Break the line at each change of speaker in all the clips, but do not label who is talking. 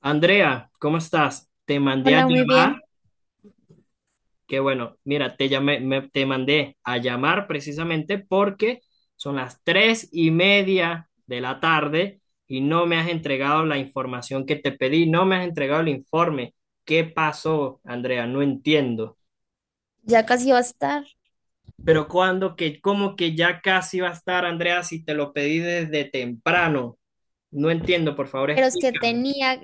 Andrea, ¿cómo estás? Te mandé a
Hola, muy
llamar,
bien.
que bueno, mira, te llamé, te mandé a llamar precisamente porque son las tres y media de la tarde y no me has entregado la información que te pedí, no me has entregado el informe. ¿Qué pasó, Andrea? No entiendo.
Ya casi va a estar,
Pero cómo que ya casi va a estar, Andrea, si te lo pedí desde temprano. No entiendo, por favor,
pero es que
explícame.
tenía,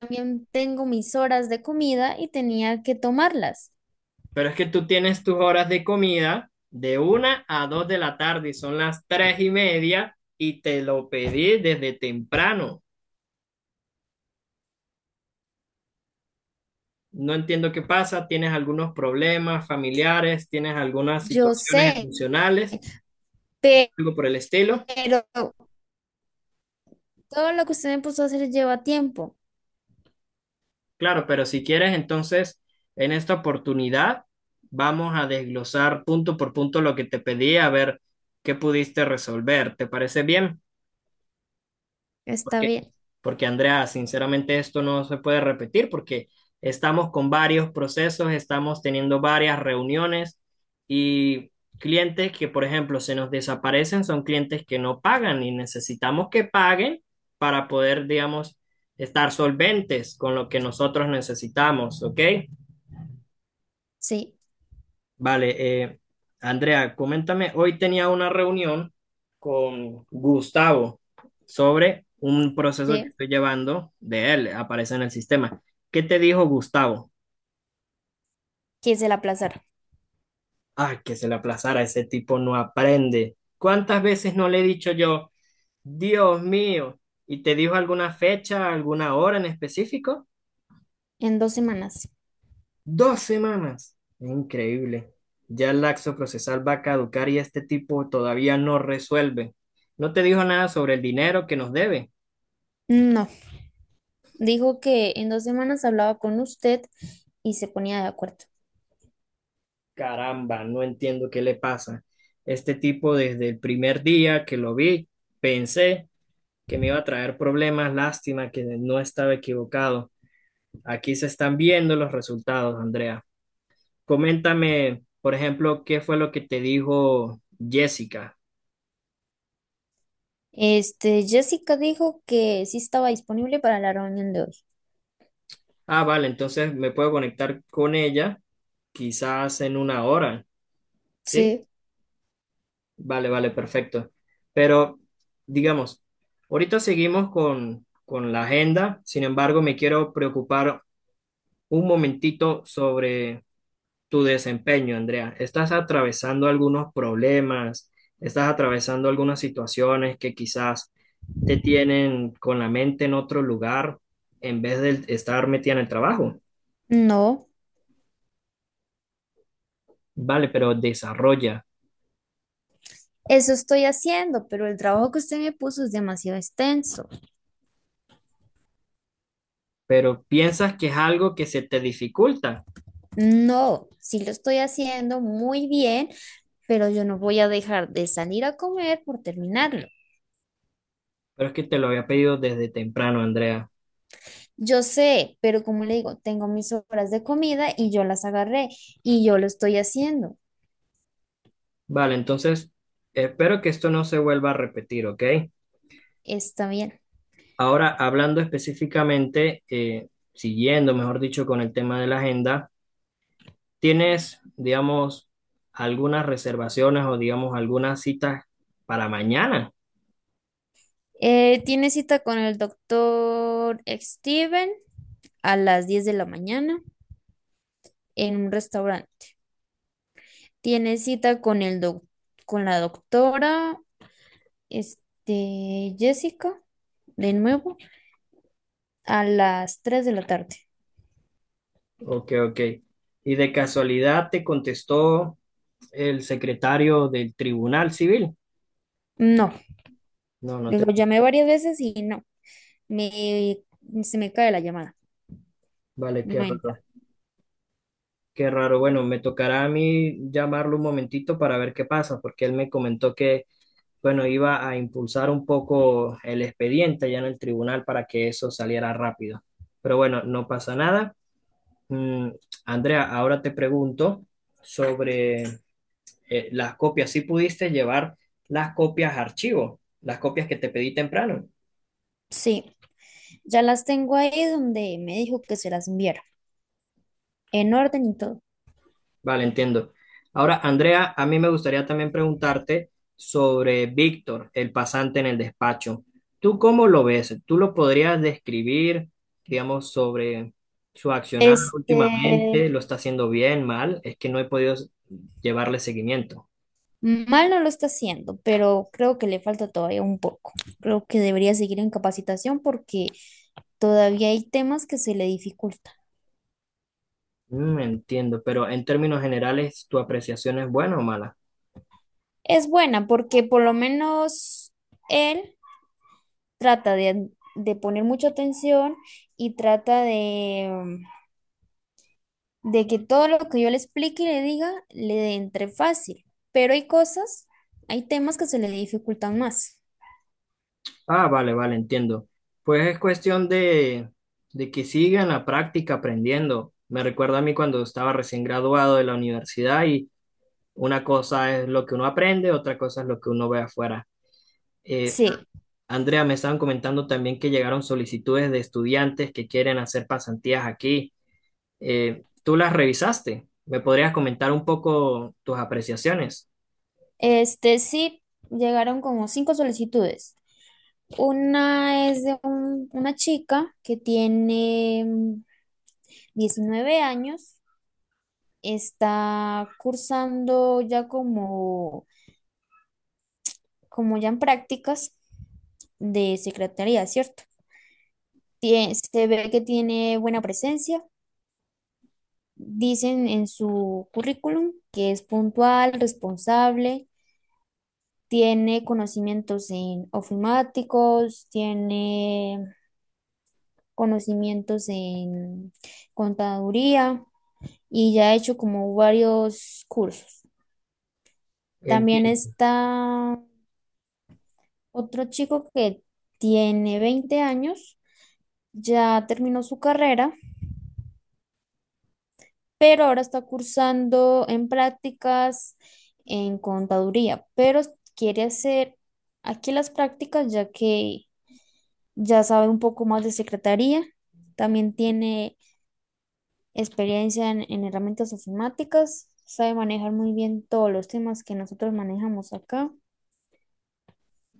también tengo mis horas de comida y tenía que tomarlas.
Pero es que tú tienes tus horas de comida de una a dos de la tarde y son las tres y media y te lo pedí desde temprano. No entiendo qué pasa, tienes algunos problemas familiares, tienes algunas
Yo
situaciones
sé,
emocionales,
pe-
algo por el estilo.
pero todo lo que usted me puso a hacer lleva tiempo.
Claro, pero si quieres, entonces en esta oportunidad vamos a desglosar punto por punto lo que te pedí, a ver qué pudiste resolver. ¿Te parece bien?
Está
Porque,
bien.
porque Andrea, sinceramente esto no se puede repetir porque estamos con varios procesos, estamos teniendo varias reuniones y clientes que, por ejemplo, se nos desaparecen son clientes que no pagan y necesitamos que paguen para poder, digamos, estar solventes con lo que nosotros necesitamos, ¿ok?
Sí,
Vale, Andrea, coméntame, hoy tenía una reunión con Gustavo sobre un proceso que
sí,
estoy llevando de él, aparece en el sistema. ¿Qué te dijo Gustavo?
quise la aplazar
Ah, que se le aplazara, ese tipo no aprende. ¿Cuántas veces no le he dicho yo, Dios mío? ¿Y te dijo alguna fecha, alguna hora en específico?
en 2 semanas.
Dos semanas. Increíble. Ya el laxo procesal va a caducar y este tipo todavía no resuelve. No te dijo nada sobre el dinero que nos debe.
No, dijo que en 2 semanas hablaba con usted y se ponía de acuerdo.
Caramba, no entiendo qué le pasa. Este tipo desde el primer día que lo vi, pensé que me iba a traer problemas. Lástima que no estaba equivocado. Aquí se están viendo los resultados, Andrea. Coméntame, por ejemplo, qué fue lo que te dijo Jessica.
Jessica dijo que sí estaba disponible para la reunión de hoy.
Ah, vale, entonces me puedo conectar con ella quizás en una hora, ¿sí?
Sí.
Vale, vale, perfecto. Pero, digamos, ahorita seguimos con la agenda, sin embargo, me quiero preocupar un momentito sobre tu desempeño, Andrea. ¿Estás atravesando algunos problemas? ¿Estás atravesando algunas situaciones que quizás te tienen con la mente en otro lugar en vez de estar metida en el trabajo?
No.
Vale, pero desarrolla.
Eso estoy haciendo, pero el trabajo que usted me puso es demasiado extenso.
Pero piensas que es algo que se te dificulta.
No, sí lo estoy haciendo muy bien, pero yo no voy a dejar de salir a comer por terminarlo.
Pero es que te lo había pedido desde temprano, Andrea.
Yo sé, pero como le digo, tengo mis horas de comida y yo las agarré y yo lo estoy haciendo.
Vale, entonces espero que esto no se vuelva a repetir, ¿ok?
Está bien.
Ahora, hablando específicamente, siguiendo, mejor dicho, con el tema de la agenda, ¿tienes, digamos, algunas reservaciones o, digamos, algunas citas para mañana?
Tiene cita con el doctor Steven a las 10 de la mañana en un restaurante. Tiene cita con el con la doctora. Jessica, de nuevo, a las 3 de la tarde.
Ok, ok. ¿Y de casualidad te contestó el secretario del Tribunal Civil?
No,
No, no te...
lo llamé varias veces y no, me, se me cae la llamada.
Vale, qué
No entra.
raro. Qué raro. Bueno, me tocará a mí llamarlo un momentito para ver qué pasa, porque él me comentó que, bueno, iba a impulsar un poco el expediente allá en el tribunal para que eso saliera rápido. Pero bueno, no pasa nada. Mm, Andrea, ahora te pregunto sobre las copias. ¿Si pudiste llevar las copias a archivo, las copias que te pedí temprano?
Sí, ya las tengo ahí donde me dijo que se las enviara, en orden y todo.
Vale, entiendo. Ahora, Andrea, a mí me gustaría también preguntarte sobre Víctor, el pasante en el despacho. ¿Tú cómo lo ves? ¿Tú lo podrías describir, digamos, sobre su accionar
Este,
últimamente? ¿Lo está haciendo bien, mal? Es que no he podido llevarle seguimiento.
Mal no lo está haciendo, pero creo que le falta todavía un poco. Creo que debería seguir en capacitación porque todavía hay temas que se le dificultan.
Mm, entiendo, pero en términos generales, ¿tu apreciación es buena o mala?
Es buena porque por lo menos él trata de poner mucha atención y trata de que todo lo que yo le explique y le diga le entre fácil. Pero hay cosas, hay temas que se le dificultan más.
Ah, vale, vale, entiendo. Pues es cuestión de, que sigan la práctica aprendiendo. Me recuerda a mí cuando estaba recién graduado de la universidad y una cosa es lo que uno aprende, otra cosa es lo que uno ve afuera. Eh,
Sí,
Andrea, me estaban comentando también que llegaron solicitudes de estudiantes que quieren hacer pasantías aquí. ¿Tú las revisaste? ¿Me podrías comentar un poco tus apreciaciones?
sí llegaron como cinco solicitudes. Una es de una chica que tiene 19 años, está cursando ya como ya en prácticas de secretaría, ¿cierto? Se ve que tiene buena presencia. Dicen en su currículum que es puntual, responsable, tiene conocimientos en ofimáticos, tiene conocimientos en contaduría y ya ha hecho como varios cursos. También
Entiendo.
está otro chico que tiene 20 años, ya terminó su carrera pero ahora está cursando en prácticas en contaduría, pero quiere hacer aquí las prácticas ya que ya sabe un poco más de secretaría, también tiene experiencia en herramientas informáticas, sabe manejar muy bien todos los temas que nosotros manejamos acá.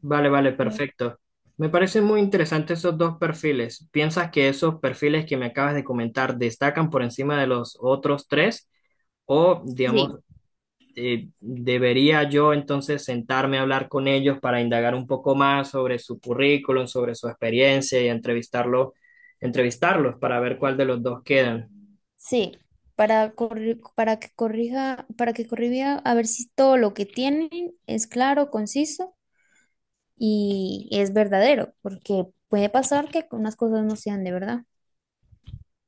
Vale, vale, perfecto. Me parecen muy interesantes esos dos perfiles. ¿Piensas que esos perfiles que me acabas de comentar destacan por encima de los otros tres? O, digamos,
Sí.
¿debería yo entonces sentarme a hablar con ellos para indagar un poco más sobre su currículum, sobre su experiencia y entrevistarlo, entrevistarlos para ver cuál de los dos quedan?
Sí, para que corrija a ver si todo lo que tienen es claro, conciso y es verdadero, porque puede pasar que unas cosas no sean de verdad.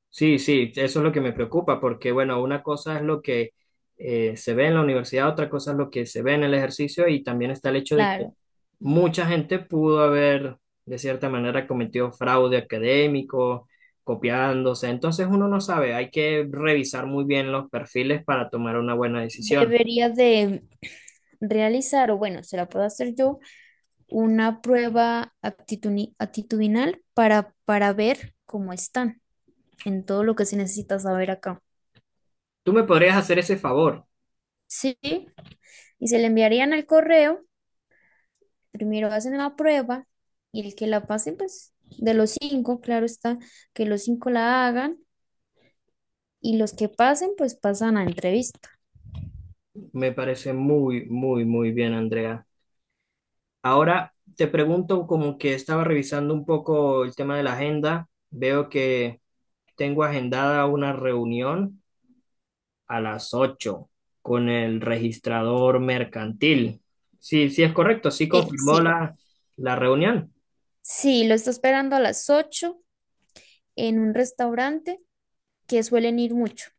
Sí, sí, eso es lo que me preocupa, porque bueno, una cosa es lo que se ve en la universidad, otra cosa es lo que se ve en el ejercicio y también está el hecho de que
Claro,
mucha gente pudo haber, de cierta manera, cometido fraude académico, copiándose. Entonces uno no sabe, hay que revisar muy bien los perfiles para tomar una buena decisión.
debería de realizar, o bueno, se la puedo hacer yo, una prueba actitudinal para ver cómo están en todo lo que se necesita saber acá.
Tú me podrías hacer ese favor.
Sí, y se le enviarían al correo, primero hacen la prueba y el que la pase, pues de los cinco, claro está, que los cinco la hagan y los que pasen, pues pasan a entrevista.
Me parece muy, muy, muy bien, Andrea. Ahora te pregunto, como que estaba revisando un poco el tema de la agenda, veo que tengo agendada una reunión a las 8 con el registrador mercantil. Sí, sí es correcto, sí
Sí,
confirmó
sí.
la reunión.
Sí, lo está esperando a las 8 en un restaurante que suelen ir mucho.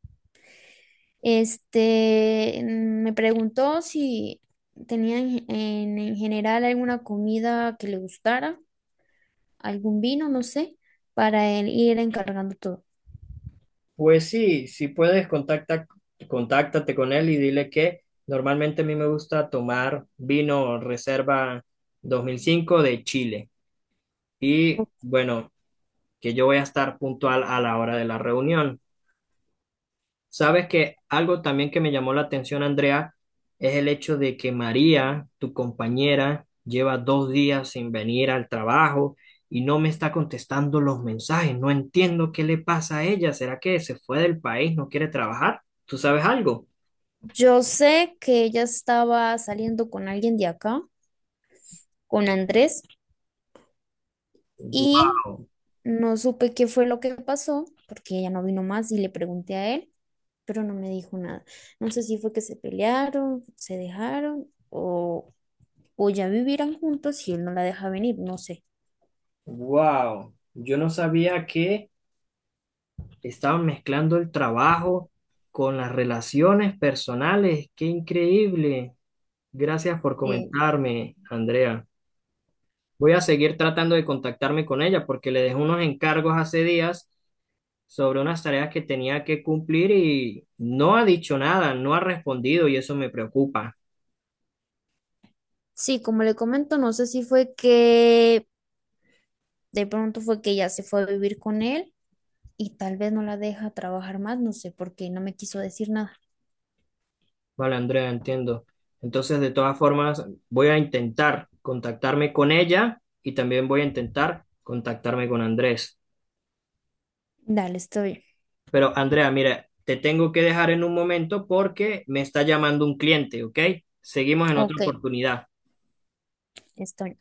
Me preguntó si tenía en general alguna comida que le gustara, algún vino, no sé, para él ir encargando todo.
Pues sí, si puedes, contáctate con él y dile que normalmente a mí me gusta tomar vino Reserva 2005 de Chile. Y bueno, que yo voy a estar puntual a la hora de la reunión. Sabes que algo también que me llamó la atención, Andrea, es el hecho de que María, tu compañera, lleva dos días sin venir al trabajo y no me está contestando los mensajes. No entiendo qué le pasa a ella. ¿Será que se fue del país, no quiere trabajar? ¿Tú sabes algo?
Yo sé que ella estaba saliendo con alguien de acá, con Andrés, y
Wow,
no supe qué fue lo que pasó, porque ella no vino más y le pregunté a él, pero no me dijo nada. No sé si fue que se pelearon, se dejaron o ya vivirán juntos y él no la deja venir, no sé.
wow. Yo no sabía que estaban mezclando el trabajo con las relaciones personales. Qué increíble. Gracias por
Eh,
comentarme, Andrea. Voy a seguir tratando de contactarme con ella porque le dejé unos encargos hace días sobre unas tareas que tenía que cumplir y no ha dicho nada, no ha respondido y eso me preocupa.
sí, como le comento, no sé si fue que de pronto fue que ella se fue a vivir con él y tal vez no la deja trabajar más, no sé, porque no me quiso decir nada.
Vale, Andrea, entiendo. Entonces, de todas formas, voy a intentar contactarme con ella y también voy a intentar contactarme con Andrés.
Dale, estoy.
Pero, Andrea, mira, te tengo que dejar en un momento porque me está llamando un cliente, ¿ok? Seguimos en otra
Ok,
oportunidad.
estoy.